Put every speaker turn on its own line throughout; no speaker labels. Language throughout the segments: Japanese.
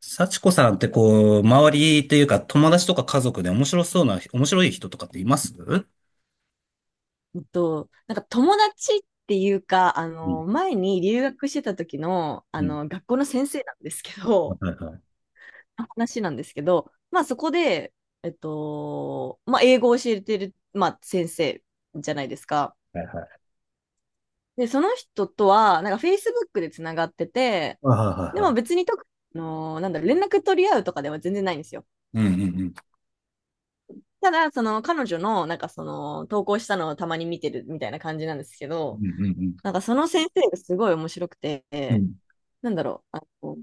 幸子さんってこう、周りというか友達とか家族で面白そうな、面白い人とかっています？うん
うんと、なんか友達っていうか、
う
前に留学してた時の、
ん。
学校の先生なんですけど、
はいはい。
の話なんですけど、まあそこで、まあ英語を教えてる、まあ先生じゃないですか。
はいはい。
で、その人とは、なんか Facebook でつながってて、
はいはい
で
は
も別
い。
に特に、なんだろう、連絡取り合うとかでは全然ないんですよ。
うんうんうん。
ただ、その彼女の、なんかその、投稿したのをたまに見てるみたいな感じなんですけ
う
ど、
んうん
なんかその先生がすごい面白く
うん。う
て、
ん。
なんだろう。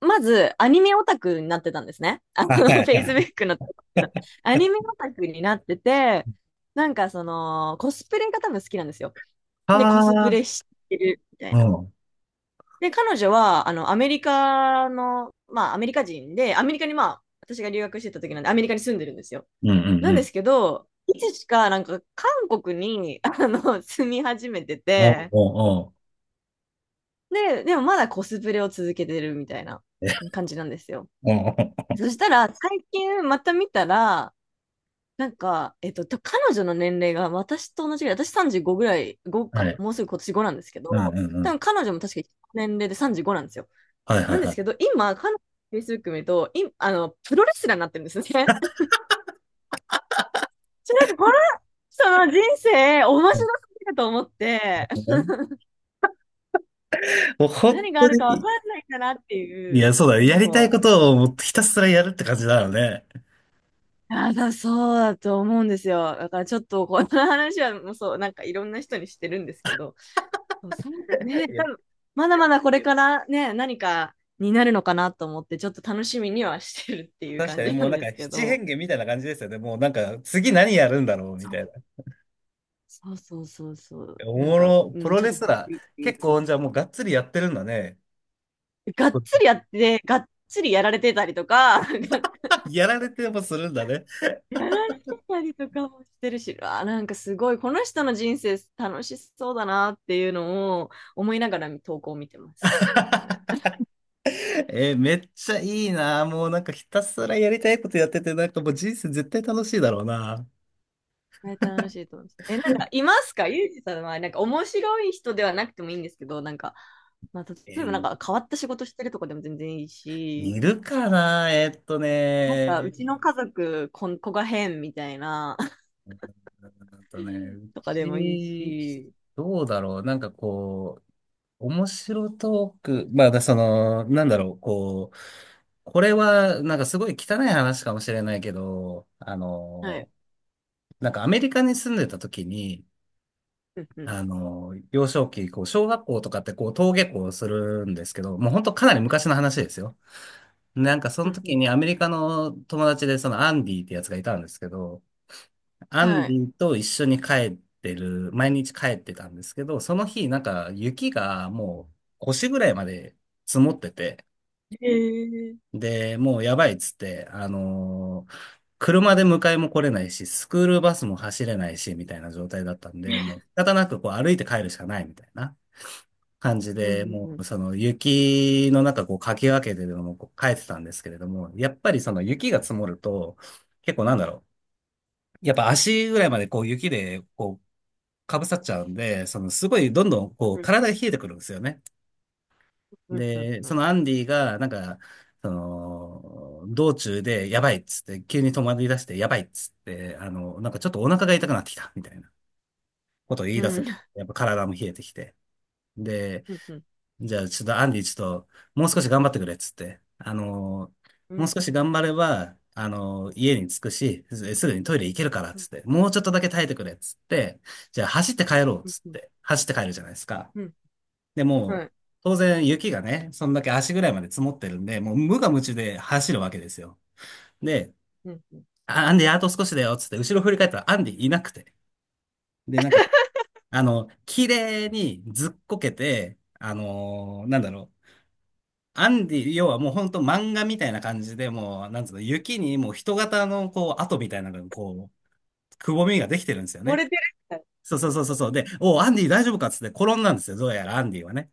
まず、アニメオタクになってたんですね。Facebook のところでアニメオタクになってて、なんかその、コスプレが多分好きなんですよ。
は
で、コスプレ
あ。
してるみたい
う
な。
ん。うん
で、彼女は、アメリカの、まあ、アメリカ人で、アメリカにまあ、私が留学してた時なんで、アメリカに住んでるんですよ。
うん
な
う
んで
ん。
すけど、いつしか、なんか、韓国に、住み始めて
おう
て、
おうおう。
で、でもまだコスプレを続けてるみたいな
え、
感じなんですよ。
おうおう。
そしたら、最近また見たら、なんか、彼女の年齢が私と同じぐらい、私35ぐらい、5
は
か、
い。
もうすぐ今年5なんですけど、
うんうんう
多
ん。
分彼女も確か年齢で35なんですよ。
はいはい
なんで
は
すけど、
い。
今、彼女の Facebook 見ると、い、あの、プロレスラーになってるんですね。なんかこの、その人生、面白すぎると思って、
もう本
何が
当
あるか分
に、
かんないんだなって
い
い
や、
う、
そうだね。やりたい
そう。
ことをもうひたすらやるって感じだよね。
そうだと思うんですよ。だからちょっとこの話はもうそう、なんかいろんな人にしてるんですけど、そう、さんね、
い や、
多分まだまだこれからね、何かになるのかなと思って、ちょっと楽しみにはしてるっていう
確
感
かに
じな
もう
ん
なん
で
か
すけ
七
ど、
変化みたいな感じですよね。もうなんか次何やるんだろうみ
そう、
たいな。
そうそうそうそう、
お
なん
も
か、
ろ、
う
プ
ん、
ロ
ちょっ
レ
と
ス
びっ
ラ
く
ー、
りっていう
結
か、
構じゃあもうがっつりやってるんだね。
がっつりや って、がっつりやられてたりとか、が
やられてもするんだね。
やられてたりとかもしてるし、あ、なんかすごい、この人の人生楽しそうだなっていうのを思いながら投稿を見てます。は い、
めっちゃいいな。もうなんかひたすらやりたいことやってて、なんかもう人生絶対楽しいだろうな。
あれ楽しいと思うんす。え、なんか、いますかユージさんは、なんか、面白い人ではなくてもいいんですけど、なんか、まあ、
え
例えば、なん
ー
か、変わった仕事してるとかでも全然いいし、
いるかな。
なんか、うちの家族、子が変みたいな、
あとね、う
とかでもいい
ち、
し、
どうだろう。なんかこう、面白トーク。まあ、だその、なんだろう。こう、これは、なんかすごい汚い話かもしれないけど、
はい。
なんかアメリカに住んでた時に、
うんうん。
幼少期、こう、小学校とかってこう、登下校するんですけど、もう本当かなり昔の話ですよ。なんかそ
う
の
んう
時
ん。
にアメリカの友達でそのアンディってやつがいたんですけど、アン
は
デ
い。
ィと一緒に帰ってる、毎日帰ってたんですけど、その日なんか雪がもう腰ぐらいまで積もってて、
へえ。
で、もうやばいっつって、車で迎えも来れないし、スクールバスも走れないし、みたいな状態だったんで、もう仕方なくこう歩いて帰るしかないみたいな感じ
う
で、
んうん
も
う
う
ん。
その雪の中こうかき分けてでもこう帰ってたんですけれども、やっぱりその雪が積もると、結構なんだろう。やっぱ足ぐらいまでこう雪でこうかぶさっちゃうんで、そのすごいどんどんこう体が冷えてくるんですよね。
うんうん
で、
う
そ
ん。
のアンディが、なんか、その、道中でやばいっつって、急に止まり出してやばいっつって、なんかちょっとお腹が痛くなってきた、みたいなことを言い
う
出そ
ん。
う。やっぱ体も冷えてきて。で、
うんうん
じゃあちょっとアンディちょっと、もう少し頑張ってくれっつって、
う
も
ん。
う
うん。
少し頑張れば、家に着くし、すぐにトイレ行けるからっ
う
つ
ん。
って、もうちょっとだけ耐えてくれっつって、じゃあ走って帰ろうっ
う
つっ
ん。
て、走って帰るじゃないですか。
うん。
で、も
は
う、
い。
当然雪がね、そんだけ足ぐらいまで積もってるんで、もう無我夢中で走るわけですよ。で、
うんうん。
アンディ、あと少しだよ、つって、後ろ振り返ったらアンディいなくて。で、なんか、綺麗にずっこけて、なんだろう。アンディ、要はもうほんと漫画みたいな感じで、もう、なんつうの、雪にもう人型のこう、跡みたいなのがこう、くぼみができてるんですよ
漏
ね。
れてる。
そうそうそうそうそう。で、おう、アンディ大丈夫かっつって転んだんですよ。どうやらアンディはね。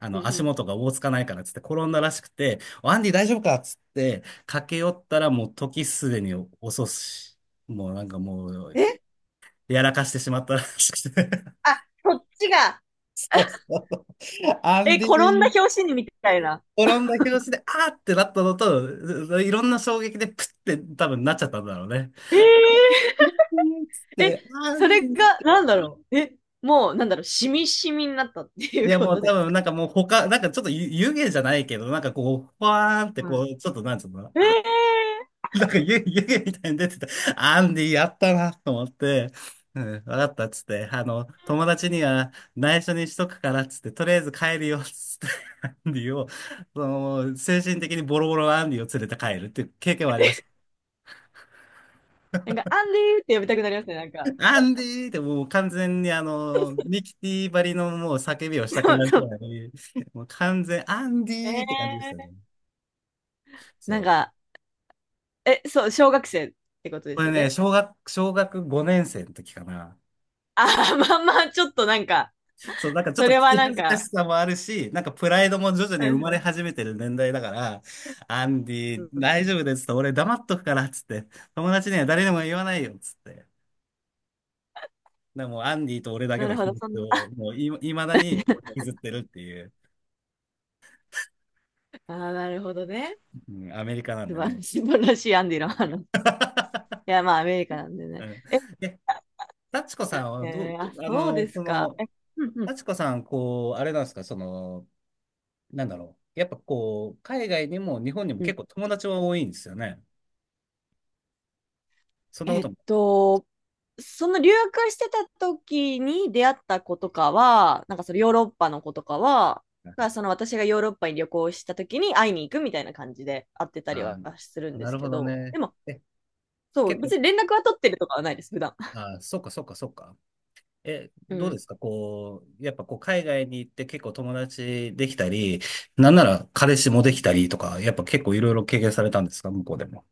うんう
足
ん。
元がおぼつかないからっつって転んだらしくて、アンディ大丈夫かっつって駆け寄ったらもう時すでに遅し、もうなんかもう、
え、
やらかしてしまったらしくて。
あ、そっちが。
そうそうそう。アン
え、
デ
転んだ
ィ、
拍子にみたいな。
転んだ拍子で、あーってなったのと、いろんな衝撃でプッて多分なっちゃったんだろうね。
えー、
つっ
え、
て、あ
それが、
ー、
なんだろう。え、もう、なんだろう、しみしみになったってい
い
う
や
こ
もう
と
多
です
分
か。
なんかもう他、なんかちょっと湯湯気じゃないけど、なんかこう、ファーンってこ
は
う、ちょっとなんつうの、
い。
あ、
え
なんか湯湯気みたいに出てた。アンディやったなと思って、うん、わかったっつって、友達には内緒にしとくからっつって、とりあえず帰るよっつって、アンディを、その、精神的にボロボロのアンディを連れて帰るっていう経験はありまし
ー、
た。
なんか、アンディーって呼びたくなりますね、なんか。
アンディーってもう完全にミキティばりのもう叫びをしたく
そう
なる
そ
ぐ
う。
らい、もう完全、アンデ
え
ィーって感じでしたね。
ー、
そ
なん
う。
か、え、そう、小学生ってことで
こ
す
れ
よ
ね、
ね。
小学5年生の時かな。
ああまあまあ、ちょっとなんか、
そう、なんかちょっ
そ
と聞
れは
き
なん
恥ずか
か、
しさもあるし、なんかプライドも徐々
う
に生
ん
ま
う
れ
ん
始めてる年代だから、アンデ
う
ィ、
んうん、
大丈夫ですと、俺黙っとくから、つって、友達には誰にも言わないよ、つって。でもうアンディと俺だけ
な
の
るほ
秘
ど、
密
そんな。
を、もうい、いまだに引きずっ てるっていう、
ああなるほどね。
うん、アメリカなん
素
で
晴ら
ね。
しい、素晴らしいアンディの話。いや、まあ、アメリカなんでね。
うん。え、幸子さんはど、
えー、
ど、
あ、
あ
そう
の、
です
そ
か。
の、
え、うんうん
幸子さん、こう、あれなんですか、その、なんだろう。やっぱこう、海外にも日本にも
うん。
結構友達は多いんですよね。そんなこ
えっ
とも。
と、その留学してた時に出会った子とかは、なんかそのヨーロッパの子とかは、その私がヨーロッパに旅行した時に会いに行くみたいな感じで会ってたり
あ
は
ー、
するんで
な
す
る
け
ほど
ど、で
ね。
も、
え、
そう、
結構、
別に連絡は取ってるとかはないです、普段。
あー、そうか、そうか、そうか。え、
う
どう
ん。
ですかこう、やっぱこう、海外に行って結構友達できたり、なんなら彼氏もできたりとか、やっぱ結構いろいろ経験されたんですか向こうでも？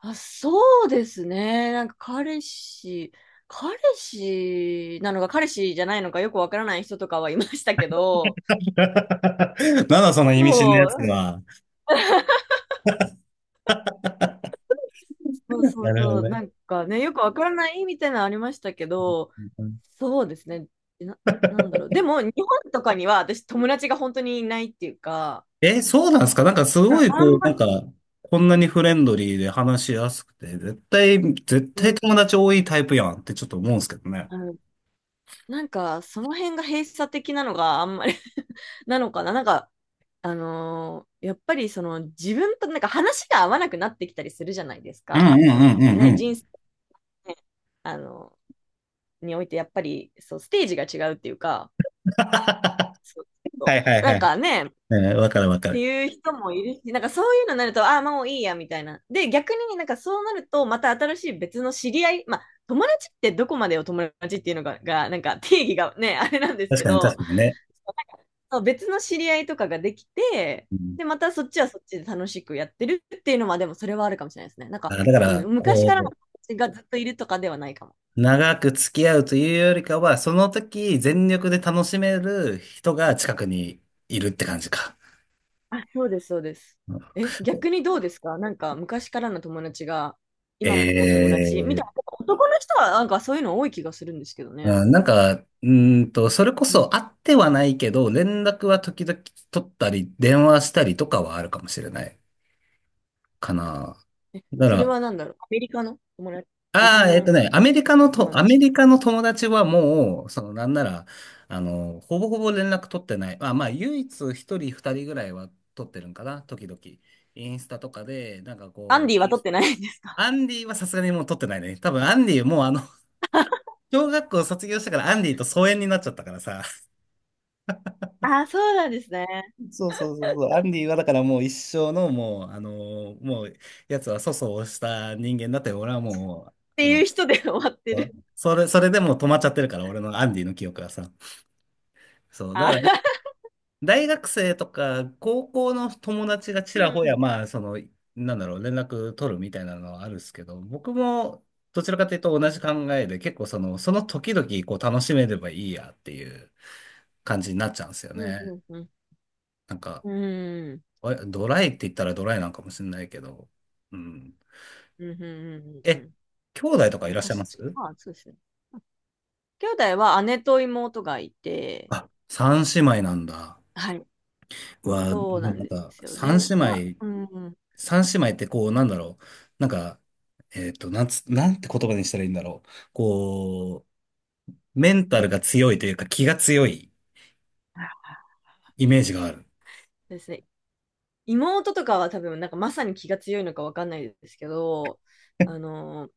あ、そうですね。なんか彼氏、彼氏なのか彼氏じゃないのかよくわからない人とかはいましたけど、
なんだその
う
意味深な
そ
やつ
う、
は。
そうそ
な
う
るほ
そ
ど
う、
ね。
なんかね、よくわからないみたいなのありましたけど、
うん。
そうですね、な、なんだろう、でも日本とかには私、友達が本当にいないっていうか、
え、そうなんですか？なんかす
う
ご
ん
い
あん
こ
ま、
う、なんか、こんなにフレンドリーで話しやすくて、絶対、絶
う
対
ん、
友達多いタイプやんってちょっと思うんですけどね。
あのなんかその辺が閉鎖的なのがあんまり なのかな、なんか、あのーやっぱりその自分となんか話が合わなくなってきたりするじゃないです
うんう
か、
ん
そ
う
の
んう
ね、人
ん。
生、ね、あのにおいてやっぱりそうステージが違うっていうか、
は
そうそ
いはい
うな
は
ん
い。
かね、
うん、わかるわか
って
る。
いう人もいるし、なんかそういうのになると、ああ、もういいや、みたいな。で、逆になんかそうなると、また新しい別の知り合い、まあ、友達ってどこまでを友達っていうのが、なんか定義がね、あれなんです
確
け
かに
ど、
確かにね。
なんかそう別の知り合いとかができて、
うん、
で、またそっちはそっちで楽しくやってるっていうのは、でもそれはあるかもしれないですね。なんか、
あ、だか
う
ら、
ん、昔からの
こ
友達がずっといるとかではないかも。
う、長く付き合うというよりかは、その時
うん、
全力で楽しめる人が近くにいるって感じか。
あ、そうです、そうです。え、逆にどうですかなんか昔からの友達が今も友達みたい
え
な、
え。
男の人はなんかそういうの多い気がするんですけどね。
うん。なんか、それこ
う
そ
ん。
会ってはないけど、連絡は時々取ったり、電話したりとかはあるかもしれないかな。だか
それ
ら、
はなんだろう。アメリカの友達、日
ああ、
本の友
アメ
達。
リカの友達はもう、その、なんなら、ほぼほぼ連絡取ってない。まあ、まあ、唯一一人二人ぐらいは取ってるんかな、時々。インスタとかで、なんか
アン
こ
ディ
う、
は取ってないです。
アンディはさすがにもう取ってないね。多分アンディもうあの、小学校卒業したからアンディと疎遠になっちゃったからさ。
あ、そうなんですね。っ
そうそうそうそう。アンディはだからもう一生のもう、あの、もう、やつは粗相をした人間だって、俺はもう、
て
あ
い
の、
う人で終わってる。
それでもう止まっちゃってるから、俺のアンディの記憶はさ。そう、だ
あ、
から 大学生とか高校の友達がち
う
ら
ん
ほ
う
や、
ん。
まあ、その、なんだろう、連絡取るみたいなのはあるんですけど、僕もどちらかというと同じ考えで、結構その時々こう楽しめればいいやっていう感じになっちゃうんですよ
うんう
ね。
んうん。
なんか、
うん。
ドライって言ったらドライなんかもしれないけど、うん。
うんうんうんうんう
え、
ん。
兄弟とか
ま
い
あ
らっしゃ
確
い
か、
ます？
まあそうですね。兄弟は姉と妹がいて、
あ、三姉妹なんだ。
はい。
で
そうなん
もなん
で
か、
すよ。で、
三姉
まあ、
妹
うん。
三姉妹ってこう、なんだろう。なんか、なんて言葉にしたらいいんだろう。こう、メンタルが強いというか気が強いイメージがある。
ですね。妹とかは多分、なんかまさに気が強いのかわかんないですけど、あ の、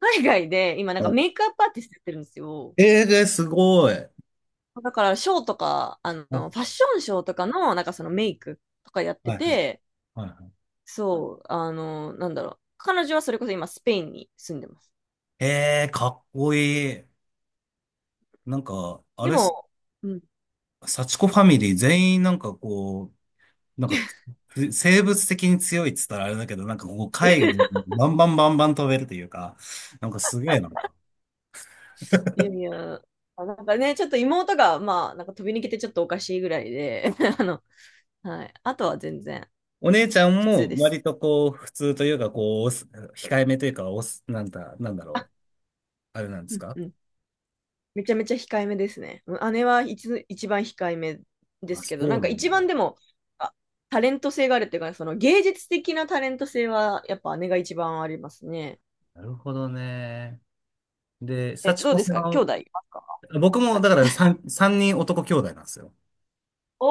海外で今なんか
お、
メイクアップアーティストやってるんですよ。
えー、すごい。
だからショーとか、フ
お、
ァッションショーとかのなんかそのメイクとかやって
はいはい
て、
はいは
そう、なんだろう。彼女はそれこそ今スペインに住んでます。
い。えー、かっこいい。なんか、あ
で
れ
も、うん。
幸子ファミリー全員なんかこう、なんか、生物的に強いっつったらあれだけど、なんかこう、海外に バンバンバンバン飛べるというか、なんかすげえな。
いやいや、あなんかね、ちょっと妹が、まあ、なんか飛び抜けてちょっとおかしいぐらいで、あの、はい。あとは全然
お姉ちゃん
普通
も
です。
割とこう、普通というか、こう、控えめというか、おす、なんだ、なんだ
あ、
ろう、あれなんで
う
す
ん
か？
うん。めちゃめちゃ控えめですね。姉は一番控えめで
あ、
す
そ
けど、な
う
んか
な
一
ん
番
だ。
でも、あタレント性があるっていうかね、その芸術的なタレント性は、やっぱ姉が一番ありますね。
なるほどね。で、
え、
幸
どう
子
で
さ
すか兄
ん、
弟いますか。
僕もだから三人男兄弟なんですよ。
お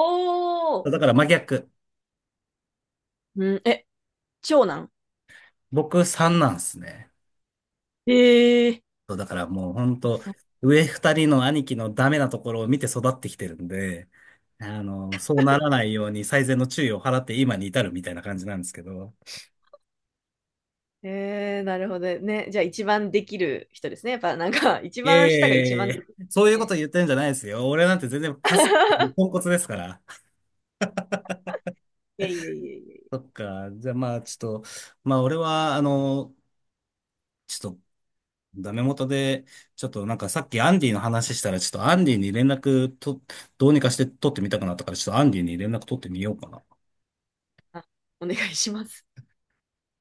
おー、
だから真逆。
うん、え、長男。
僕三なんですね。
ええ、
そうだからもう本
あ、
当
そう。
上二人の兄貴のダメなところを見て育ってきてるんで、そうならないように最善の注意を払って今に至るみたいな感じなんですけど。
えー、なるほどね。じゃあ一番できる人ですね。やっぱなんか、一
いやいや
番下が一
い
番
やい
できる
や、そういうこと
ね。
言ってるんじゃないですよ。俺なんて全然カス、ポンコツですから。
いえいえいえいえ。
そっか。じゃあまあちょっと、まあ俺は、ちょっとダメ元で、ちょっとなんかさっきアンディの話したら、ちょっとアンディに連絡と、どうにかして取ってみたくなったから、ちょっとアンディに連絡取ってみようかな。
あ、お願いします。